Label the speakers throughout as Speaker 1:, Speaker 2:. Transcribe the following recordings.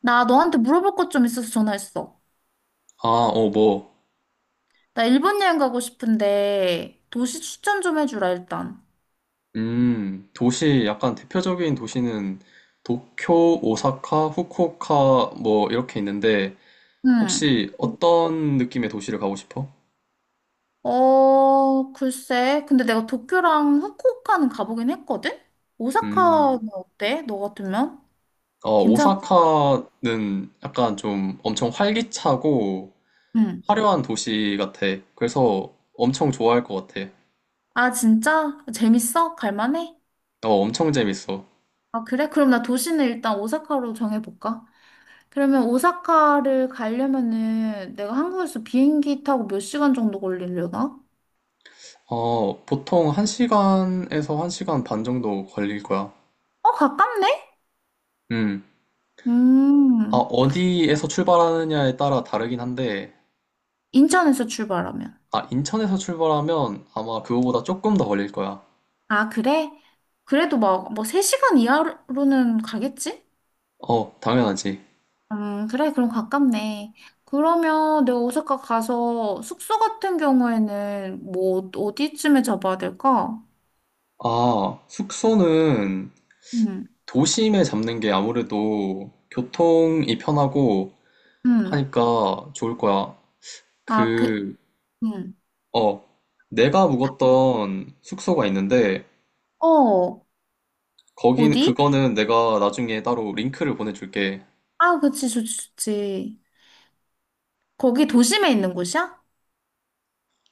Speaker 1: 나 너한테 물어볼 것 좀 있어서 전화했어.
Speaker 2: 아, 어, 뭐,
Speaker 1: 나 일본 여행 가고 싶은데 도시 추천 좀 해주라 일단.
Speaker 2: 도시, 약간 대표적인 도시는 도쿄, 오사카, 후쿠오카, 뭐, 이렇게 있는데,
Speaker 1: 응.
Speaker 2: 혹시 어떤 느낌의 도시를 가고 싶어?
Speaker 1: 글쎄. 근데 내가 도쿄랑 후쿠오카는 가보긴 했거든?
Speaker 2: 음,
Speaker 1: 오사카는 어때? 너 같으면? 괜찮아?
Speaker 2: 오사카는 약간 좀 엄청 활기차고
Speaker 1: 응.
Speaker 2: 화려한 도시 같아. 그래서 엄청 좋아할 것 같아.
Speaker 1: 아, 진짜? 재밌어? 갈만해?
Speaker 2: 엄청 재밌어.
Speaker 1: 아, 그래? 그럼 나 도시는 일단 오사카로 정해볼까? 그러면 오사카를 가려면은 내가 한국에서 비행기 타고 몇 시간 정도 걸리려나?
Speaker 2: 보통 1시간에서 1시간 반 정도 걸릴 거야.
Speaker 1: 어, 가깝네?
Speaker 2: 음. 아,
Speaker 1: 음.
Speaker 2: 어디에서 출발하느냐에 따라 다르긴 한데,
Speaker 1: 인천에서 출발하면.
Speaker 2: 아, 인천에서 출발하면 아마 그거보다 조금 더 걸릴 거야.
Speaker 1: 아, 그래? 그래도 막, 뭐, 3시간 이하로는 가겠지?
Speaker 2: 당연하지.
Speaker 1: 그래, 그럼 가깝네. 그러면 내가 오사카 가서 숙소 같은 경우에는 뭐, 어디쯤에 잡아야 될까?
Speaker 2: 아, 숙소는
Speaker 1: 음,
Speaker 2: 도심에 잡는 게 아무래도 교통이 편하고
Speaker 1: 음.
Speaker 2: 하니까 좋을 거야.
Speaker 1: 아, 그,
Speaker 2: 그,
Speaker 1: 음.
Speaker 2: 어, 내가 묵었던 숙소가 있는데,
Speaker 1: 어, 어디?
Speaker 2: 그거는 내가 나중에 따로 링크를 보내줄게.
Speaker 1: 아, 그치, 좋지, 좋지. 거기 도심에 있는 곳이야?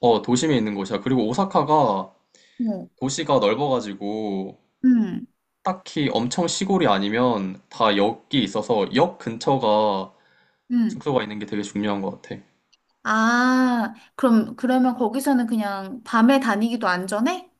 Speaker 2: 어, 도심에 있는 곳이야. 그리고 오사카가
Speaker 1: 어,
Speaker 2: 도시가 넓어가지고,
Speaker 1: 음,
Speaker 2: 딱히 엄청 시골이 아니면 다 역이 있어서 역 근처가
Speaker 1: 음.
Speaker 2: 숙소가 있는 게 되게 중요한 것 같아.
Speaker 1: 아, 그럼, 그러면 거기서는 그냥 밤에 다니기도 안전해?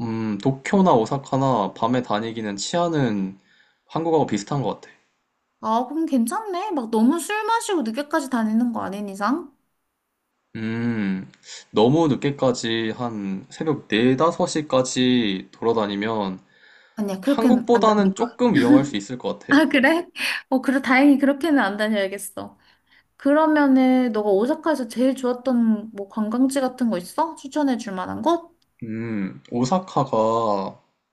Speaker 2: 도쿄나 오사카나 밤에 다니기는 치안은 한국하고 비슷한 것 같아.
Speaker 1: 아, 그럼 괜찮네. 막 너무 술 마시고 늦게까지 다니는 거 아닌 이상?
Speaker 2: 음, 너무 늦게까지 한 새벽 4, 5시까지 돌아다니면
Speaker 1: 아니야, 그렇게는 안
Speaker 2: 한국보다는
Speaker 1: 다니까.
Speaker 2: 조금 위험할 수 있을 것 같아.
Speaker 1: 아, 그래? 어, 그래, 다행히 그렇게는 안 다녀야겠어. 그러면은, 너가 오사카에서 제일 좋았던 뭐 관광지 같은 거 있어? 추천해 줄 만한 곳?
Speaker 2: 오사카가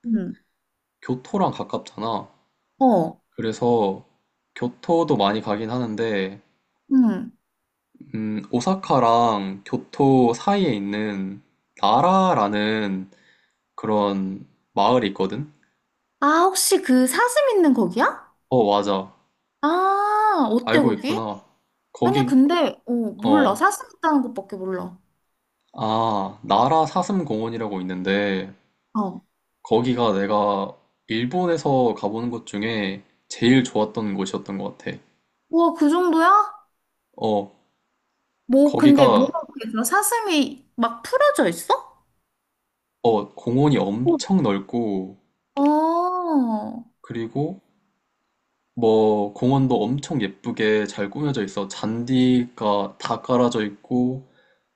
Speaker 1: 응.
Speaker 2: 교토랑 가깝잖아.
Speaker 1: 어,
Speaker 2: 그래서 교토도 많이 가긴 하는데,
Speaker 1: 응.
Speaker 2: 오사카랑 교토 사이에 있는 나라라는 그런 마을이 있거든?
Speaker 1: 아, 혹시 그 사슴 있는 거기야?
Speaker 2: 어, 맞아.
Speaker 1: 아, 어때,
Speaker 2: 알고
Speaker 1: 거기?
Speaker 2: 있구나.
Speaker 1: 아니야,
Speaker 2: 거기,
Speaker 1: 근데, 어, 몰라.
Speaker 2: 어,
Speaker 1: 사슴 있다는 것밖에 몰라.
Speaker 2: 아, 나라 사슴공원이라고 있는데,
Speaker 1: 어.
Speaker 2: 거기가 내가 일본에서 가보는 곳 중에 제일 좋았던 곳이었던 것 같아.
Speaker 1: 와, 그 정도야?
Speaker 2: 어,
Speaker 1: 뭐, 근데
Speaker 2: 거기가,
Speaker 1: 뭐라고 했어? 사슴이 막 풀어져 있어?
Speaker 2: 공원이 엄청 넓고,
Speaker 1: 어,
Speaker 2: 그리고 뭐, 공원도 엄청 예쁘게 잘 꾸며져 있어. 잔디가 다 깔아져 있고,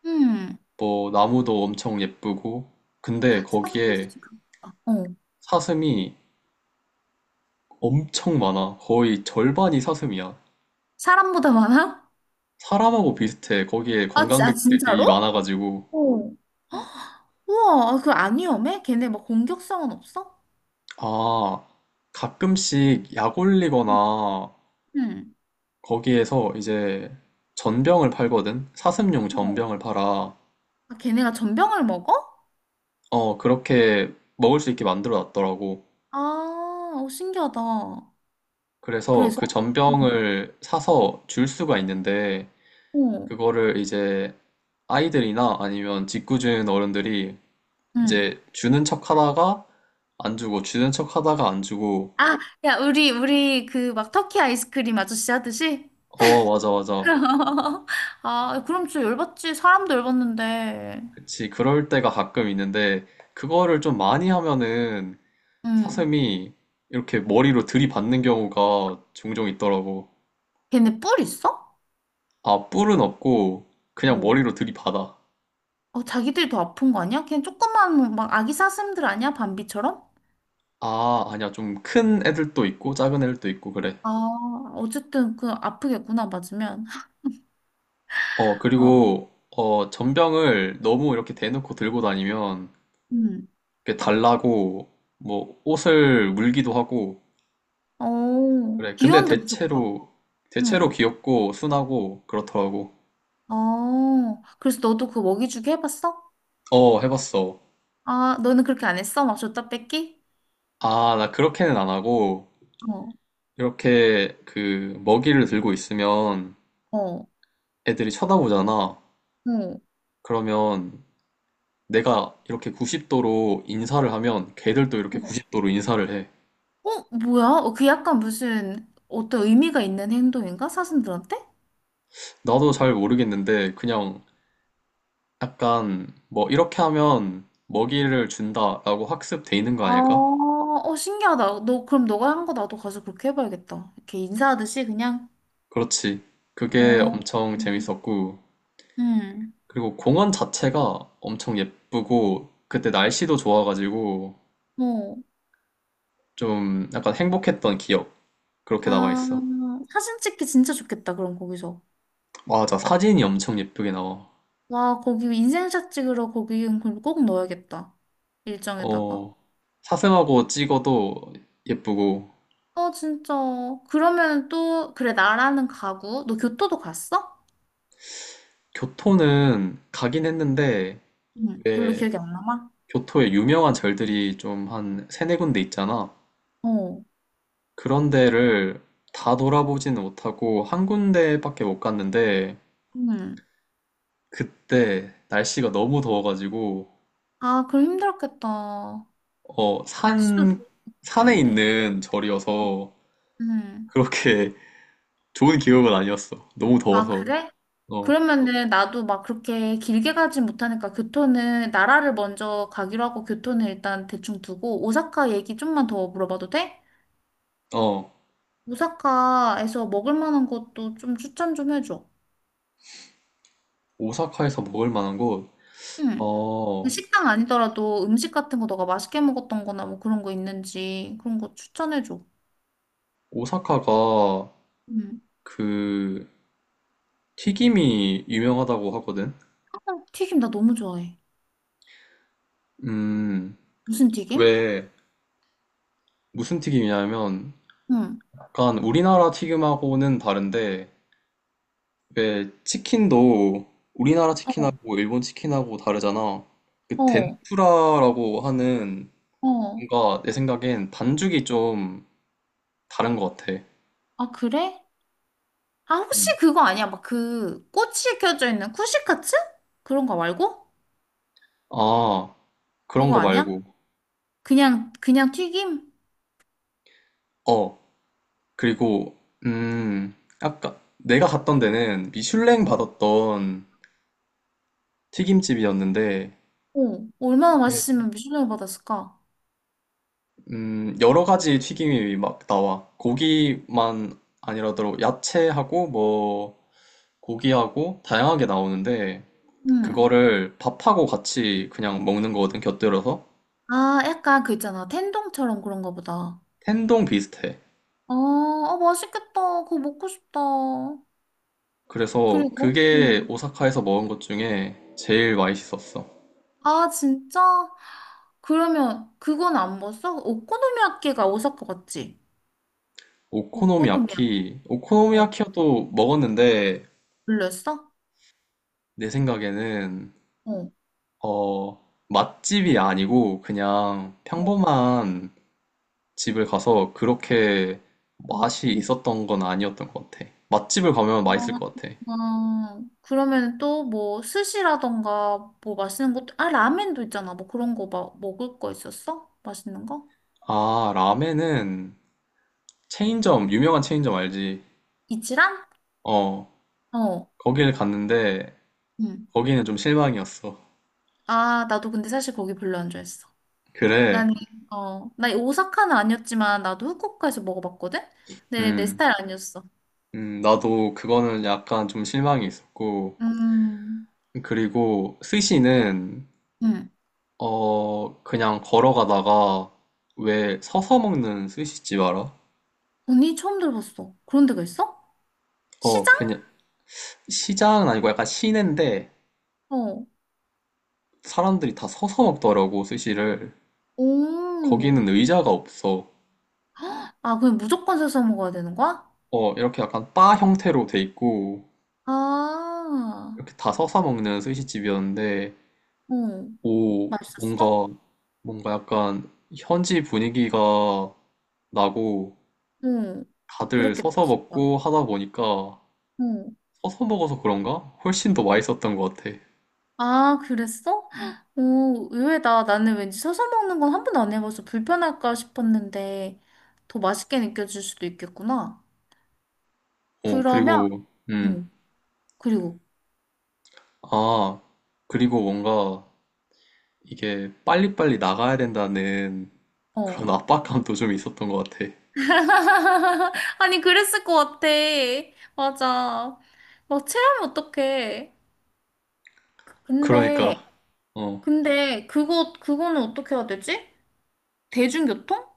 Speaker 1: 음.
Speaker 2: 뭐, 나무도 엄청 예쁘고, 근데
Speaker 1: 사실
Speaker 2: 거기에
Speaker 1: 지금, 아, 어.
Speaker 2: 사슴이 엄청 많아. 거의 절반이 사슴이야.
Speaker 1: 사람보다 많아?
Speaker 2: 사람하고 비슷해. 거기에
Speaker 1: 아, 지, 아
Speaker 2: 관광객들이
Speaker 1: 진짜로?
Speaker 2: 많아가지고.
Speaker 1: 어. 우와, 그 안 위험해? 걔네 뭐 공격성은 없어?
Speaker 2: 아, 가끔씩 약
Speaker 1: 응.
Speaker 2: 올리거나
Speaker 1: 응.
Speaker 2: 거기에서 이제 전병을 팔거든? 사슴용
Speaker 1: 어.
Speaker 2: 전병을 팔아.
Speaker 1: 아, 걔네가 전병을 먹어?
Speaker 2: 어, 그렇게 먹을 수 있게 만들어 놨더라고.
Speaker 1: 아, 어, 신기하다.
Speaker 2: 그래서
Speaker 1: 그래서?
Speaker 2: 그
Speaker 1: 응.
Speaker 2: 전병을 사서 줄 수가 있는데,
Speaker 1: 어.
Speaker 2: 그거를 이제 아이들이나 아니면 짓궂은 어른들이
Speaker 1: 응.
Speaker 2: 이제 주는 척 하다가 안 주고 주는 척 하다가 안 주고
Speaker 1: 아, 야, 우리 그 막 터키 아이스크림 아저씨 하듯이?
Speaker 2: 어 맞아, 맞아.
Speaker 1: 아, 그럼 진짜 열받지. 사람도 열받는데.
Speaker 2: 그치 그럴 때가 가끔 있는데 그거를 좀 많이 하면은
Speaker 1: 응.
Speaker 2: 사슴이 이렇게 머리로 들이받는 경우가 종종 있더라고.
Speaker 1: 걔네 뿔 있어?
Speaker 2: 아, 뿔은 없고 그냥 머리로 들이받아.
Speaker 1: 어, 자기들이 더 아픈 거 아니야? 그냥 조그만 뭐 막 아기 사슴들 아니야? 밤비처럼?
Speaker 2: 아, 아니야. 좀 큰 애들도 있고 작은 애들도 있고 그래.
Speaker 1: 아, 어쨌든 그 아프겠구나 맞으면.
Speaker 2: 어
Speaker 1: 아,
Speaker 2: 그리고 어 전병을 너무 이렇게 대놓고 들고 다니면
Speaker 1: 음.
Speaker 2: 이렇게 달라고 뭐 옷을 물기도 하고
Speaker 1: 어,
Speaker 2: 그래. 근데
Speaker 1: 귀여운데 무섭다.
Speaker 2: 대체로
Speaker 1: 응.
Speaker 2: 귀엽고 순하고 그렇더라고.
Speaker 1: 어, 그래서 너도 그 먹이주기 해봤어?
Speaker 2: 어, 해봤어.
Speaker 1: 아, 너는 그렇게 안 했어? 막 줬다 뺏기?
Speaker 2: 아, 나 그렇게는 안 하고,
Speaker 1: 어,
Speaker 2: 이렇게 그 먹이를 들고 있으면
Speaker 1: 어,
Speaker 2: 애들이 쳐다보잖아.
Speaker 1: 어,
Speaker 2: 그러면 내가 이렇게 90도로 인사를 하면 걔들도 이렇게
Speaker 1: 어,
Speaker 2: 90도로 인사를 해.
Speaker 1: 어, 뭐야? 어, 그 약간 무슨 어떤 의미가 있는 행동인가? 사슴들한테?
Speaker 2: 나도 잘 모르겠는데, 그냥 약간 뭐 이렇게 하면 먹이를 준다라고 학습돼 있는 거
Speaker 1: 아,
Speaker 2: 아닐까?
Speaker 1: 어, 신기하다. 너, 그럼 너가 한 거 나도 가서 그렇게 해봐야겠다. 이렇게 인사하듯이 그냥.
Speaker 2: 그렇지. 그게
Speaker 1: 어,
Speaker 2: 엄청 재밌었고,
Speaker 1: 응.
Speaker 2: 그리고 공원 자체가 엄청 예쁘고 그때 날씨도 좋아가지고
Speaker 1: 어
Speaker 2: 좀 약간 행복했던 기억 그렇게 남아
Speaker 1: 아,
Speaker 2: 있어.
Speaker 1: 사진 찍기 진짜 좋겠다, 그럼 거기서.
Speaker 2: 맞아, 사진이 엄청 예쁘게 나와.
Speaker 1: 와, 거기 인생샷 찍으러 거기 꼭 넣어야겠다. 일정에다가.
Speaker 2: 어, 사슴하고 찍어도 예쁘고.
Speaker 1: 어, 진짜. 그러면 또, 그래, 나라는 가구. 너 교토도 갔어?
Speaker 2: 교토는 가긴 했는데
Speaker 1: 응, 별로
Speaker 2: 왜
Speaker 1: 기억이 안 남아?
Speaker 2: 교토에 유명한 절들이 좀 한 세네 군데 있잖아.
Speaker 1: 어,
Speaker 2: 그런 데를 다 돌아보지는 못하고 한 군데밖에 못 갔는데
Speaker 1: 응.
Speaker 2: 그때 날씨가 너무 더워가지고
Speaker 1: 아, 그럼 힘들었겠다.
Speaker 2: 어,
Speaker 1: 날씨도
Speaker 2: 산,
Speaker 1: 좋을
Speaker 2: 산에
Speaker 1: 텐데.
Speaker 2: 있는 절이어서
Speaker 1: 응.
Speaker 2: 그렇게 좋은 기억은 아니었어. 너무
Speaker 1: 아,
Speaker 2: 더워서.
Speaker 1: 그래?
Speaker 2: 어,
Speaker 1: 그러면은 나도 막 그렇게 길게 가진 못하니까 교토는 나라를 먼저 가기로 하고 교토는 일단 대충 두고 오사카 얘기 좀만 더 물어봐도 돼?
Speaker 2: 어,
Speaker 1: 오사카에서 먹을 만한 것도 좀 추천 좀 해줘.
Speaker 2: 오사카에서 먹을 만한 곳.
Speaker 1: 응. 그
Speaker 2: 어,
Speaker 1: 식당 아니더라도 음식 같은 거 너가 맛있게 먹었던 거나 뭐 그런 거 있는지 그런 거 추천해줘.
Speaker 2: 오사카가
Speaker 1: 응.
Speaker 2: 그 튀김이 유명하다고 하거든.
Speaker 1: 어, 튀김 나 너무 좋아해.
Speaker 2: 음,
Speaker 1: 무슨 튀김?
Speaker 2: 왜 무슨 튀김이냐면
Speaker 1: 응.
Speaker 2: 약간 우리나라 튀김하고는 다른데 왜 치킨도 우리나라
Speaker 1: 어,
Speaker 2: 치킨하고 일본 치킨하고 다르잖아. 그
Speaker 1: 어,
Speaker 2: 덴푸라라고 하는
Speaker 1: 어.
Speaker 2: 뭔가 내 생각엔 반죽이 좀 다른 것 같아.
Speaker 1: 아, 그래? 아, 혹시
Speaker 2: 음.
Speaker 1: 그거 아니야? 막 그 꼬치 켜져 있는 쿠시카츠? 그런 거 말고?
Speaker 2: 아, 그런
Speaker 1: 그거
Speaker 2: 거
Speaker 1: 아니야?
Speaker 2: 말고.
Speaker 1: 그냥, 그냥 튀김?
Speaker 2: 어, 그리고, 음, 아까 내가 갔던 데는 미슐랭
Speaker 1: 어.
Speaker 2: 받았던 튀김집이었는데,
Speaker 1: 어. 얼마나
Speaker 2: 이게
Speaker 1: 맛있으면 미슐랭을 받았을까?
Speaker 2: 여러 가지 튀김이 막 나와. 고기만 아니라도 야채하고 뭐 고기하고 다양하게 나오는데,
Speaker 1: 응.
Speaker 2: 그거를 밥하고 같이 그냥 먹는 거거든, 곁들여서.
Speaker 1: 아, 약간 그 있잖아. 텐동처럼 그런 거 보다.
Speaker 2: 텐동 비슷해.
Speaker 1: 아, 아, 맛있겠다. 그거 먹고 싶다.
Speaker 2: 그래서
Speaker 1: 그리고?
Speaker 2: 그게
Speaker 1: 응.
Speaker 2: 오사카에서 먹은 것 중에 제일 맛있었어.
Speaker 1: 아, 진짜? 그러면 그건 안 먹었어? 오코노미야끼가 오사카 갔지? 오코노미야끼 어,
Speaker 2: 오코노미야키도 먹었는데
Speaker 1: 불렸어?
Speaker 2: 내 생각에는
Speaker 1: 어.
Speaker 2: 어, 맛집이 아니고 그냥
Speaker 1: 어.
Speaker 2: 평범한 집을 가서 그렇게 맛이 있었던 건 아니었던 것 같아. 맛집을 가면 맛있을
Speaker 1: 아,
Speaker 2: 것 같아.
Speaker 1: 아, 그러면 또 뭐 스시라던가 뭐 맛있는 것도, 아, 라면도 있잖아. 뭐 그런 거 막 먹을 거 있었어? 맛있는 거?
Speaker 2: 아, 라멘은 유명한 체인점 알지?
Speaker 1: 이치란?
Speaker 2: 어,
Speaker 1: 어.
Speaker 2: 거기를 갔는데
Speaker 1: 응.
Speaker 2: 거기는 좀 실망이었어.
Speaker 1: 아, 나도 근데 사실 거기 별로 안 좋아했어.
Speaker 2: 그래,
Speaker 1: 나는, 어, 나 오사카는 아니었지만 나도 후쿠오카에서 먹어봤거든? 근데 내
Speaker 2: 음.
Speaker 1: 스타일 아니었어.
Speaker 2: 나도 그거는 약간 좀 실망이 있었고,
Speaker 1: 음,
Speaker 2: 그리고 스시는,
Speaker 1: 응.
Speaker 2: 어, 그냥 걸어가다가, 왜 서서 먹는 스시집 알아?
Speaker 1: 언니 처음 들어봤어. 그런 데가 있어?
Speaker 2: 어,
Speaker 1: 시장?
Speaker 2: 그냥, 시장은 아니고 약간 시내인데,
Speaker 1: 어.
Speaker 2: 사람들이 다 서서 먹더라고, 스시를.
Speaker 1: 오.
Speaker 2: 거기는 의자가 없어.
Speaker 1: 아, 그냥 무조건 사서 먹어야 되는 거야?
Speaker 2: 어, 이렇게 약간 바 형태로 돼 있고,
Speaker 1: 아,
Speaker 2: 이렇게 다 서서 먹는 스시집이었는데,
Speaker 1: 어.
Speaker 2: 오,
Speaker 1: 맛있었어?
Speaker 2: 뭔가, 뭔가 약간 현지 분위기가 나고,
Speaker 1: 응.
Speaker 2: 다들
Speaker 1: 그랬겠다,
Speaker 2: 서서
Speaker 1: 진짜.
Speaker 2: 먹고 하다 보니까
Speaker 1: 응.
Speaker 2: 서서 먹어서 그런가? 훨씬 더 맛있었던 것 같아.
Speaker 1: 아, 그랬어? 오, 의외다. 나는 왠지 서서 먹는 건 한 번도 안 해봐서 불편할까 싶었는데, 더 맛있게 느껴질 수도 있겠구나.
Speaker 2: 어,
Speaker 1: 그러면,
Speaker 2: 그리고, 음,
Speaker 1: 응. 그리고,
Speaker 2: 아, 그리고 뭔가 이게 빨리빨리 나가야 된다는
Speaker 1: 어.
Speaker 2: 그런 압박감도 좀 있었던 것 같아.
Speaker 1: 아니, 그랬을 것 같아. 맞아. 막 체하면 어떡해. 근데,
Speaker 2: 그러니까, 어,
Speaker 1: 그거는 어떻게 해야 되지? 대중교통?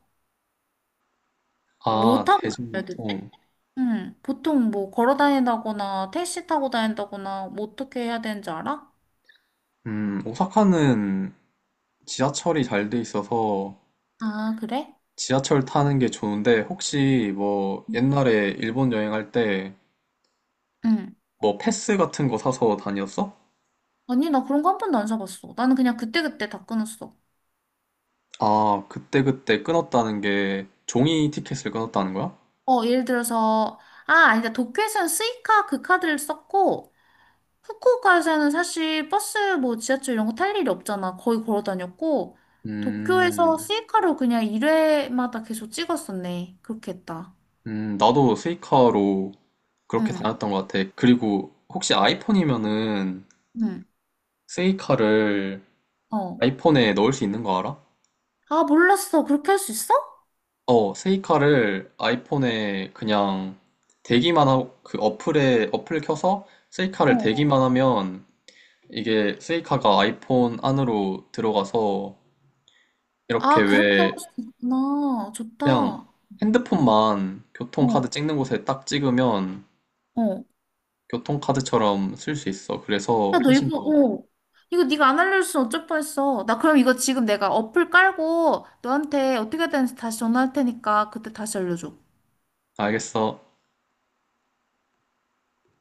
Speaker 1: 뭐
Speaker 2: 아,
Speaker 1: 타고 다녀야 되지?
Speaker 2: 대중교통.
Speaker 1: 응, 보통 뭐 걸어 다닌다거나 택시 타고 다닌다거나 뭐 어떻게 해야 되는지 알아?
Speaker 2: 오사카는 지하철이 잘 돼 있어서
Speaker 1: 아, 그래?
Speaker 2: 지하철 타는 게 좋은데 혹시 뭐 옛날에 일본 여행할 때
Speaker 1: 응.
Speaker 2: 뭐 패스 같은 거 사서 다녔어?
Speaker 1: 아니, 나 그런 거 한 번도 안 사봤어. 나는 그냥 그때그때 다 끊었어.
Speaker 2: 아, 그때그때 끊었다는 게 종이 티켓을 끊었다는 거야?
Speaker 1: 어, 예를 들어서, 아, 아니다. 도쿄에서는 스이카 그 카드를 썼고, 후쿠오카에서는 사실 버스 뭐 지하철 이런 거 탈 일이 없잖아. 거의 걸어 다녔고, 도쿄에서
Speaker 2: 음,
Speaker 1: 스이카로 그냥 1회마다 계속 찍었었네. 그렇게 했다.
Speaker 2: 나도 세이카로 그렇게
Speaker 1: 응,
Speaker 2: 다녔던 것 같아. 그리고 혹시 아이폰이면은
Speaker 1: 응,
Speaker 2: 세이카를
Speaker 1: 어.
Speaker 2: 아이폰에 넣을 수 있는 거 알아?
Speaker 1: 아, 몰랐어. 그렇게 할 수 있어?
Speaker 2: 어, 세이카를 아이폰에 그냥 대기만 하고 그 어플에 어플 켜서 세이카를
Speaker 1: 어.
Speaker 2: 대기만 하면 이게 세이카가 아이폰 안으로 들어가서 이렇게
Speaker 1: 아, 그렇게 할
Speaker 2: 왜
Speaker 1: 수 있구나. 좋다.
Speaker 2: 그냥
Speaker 1: 어,
Speaker 2: 핸드폰만 교통카드 찍는 곳에 딱 찍으면
Speaker 1: 어.
Speaker 2: 교통카드처럼 쓸 수 있어.
Speaker 1: 야,
Speaker 2: 그래서
Speaker 1: 너
Speaker 2: 훨씬
Speaker 1: 이거,
Speaker 2: 더,
Speaker 1: 어. 이거 네가 안 알려줬으면 어쩔 뻔했어. 나 그럼 이거 지금 내가 어플 깔고 너한테 어떻게 해야 되는지 다시 전화할 테니까 그때 다시 알려줘.
Speaker 2: 알겠어.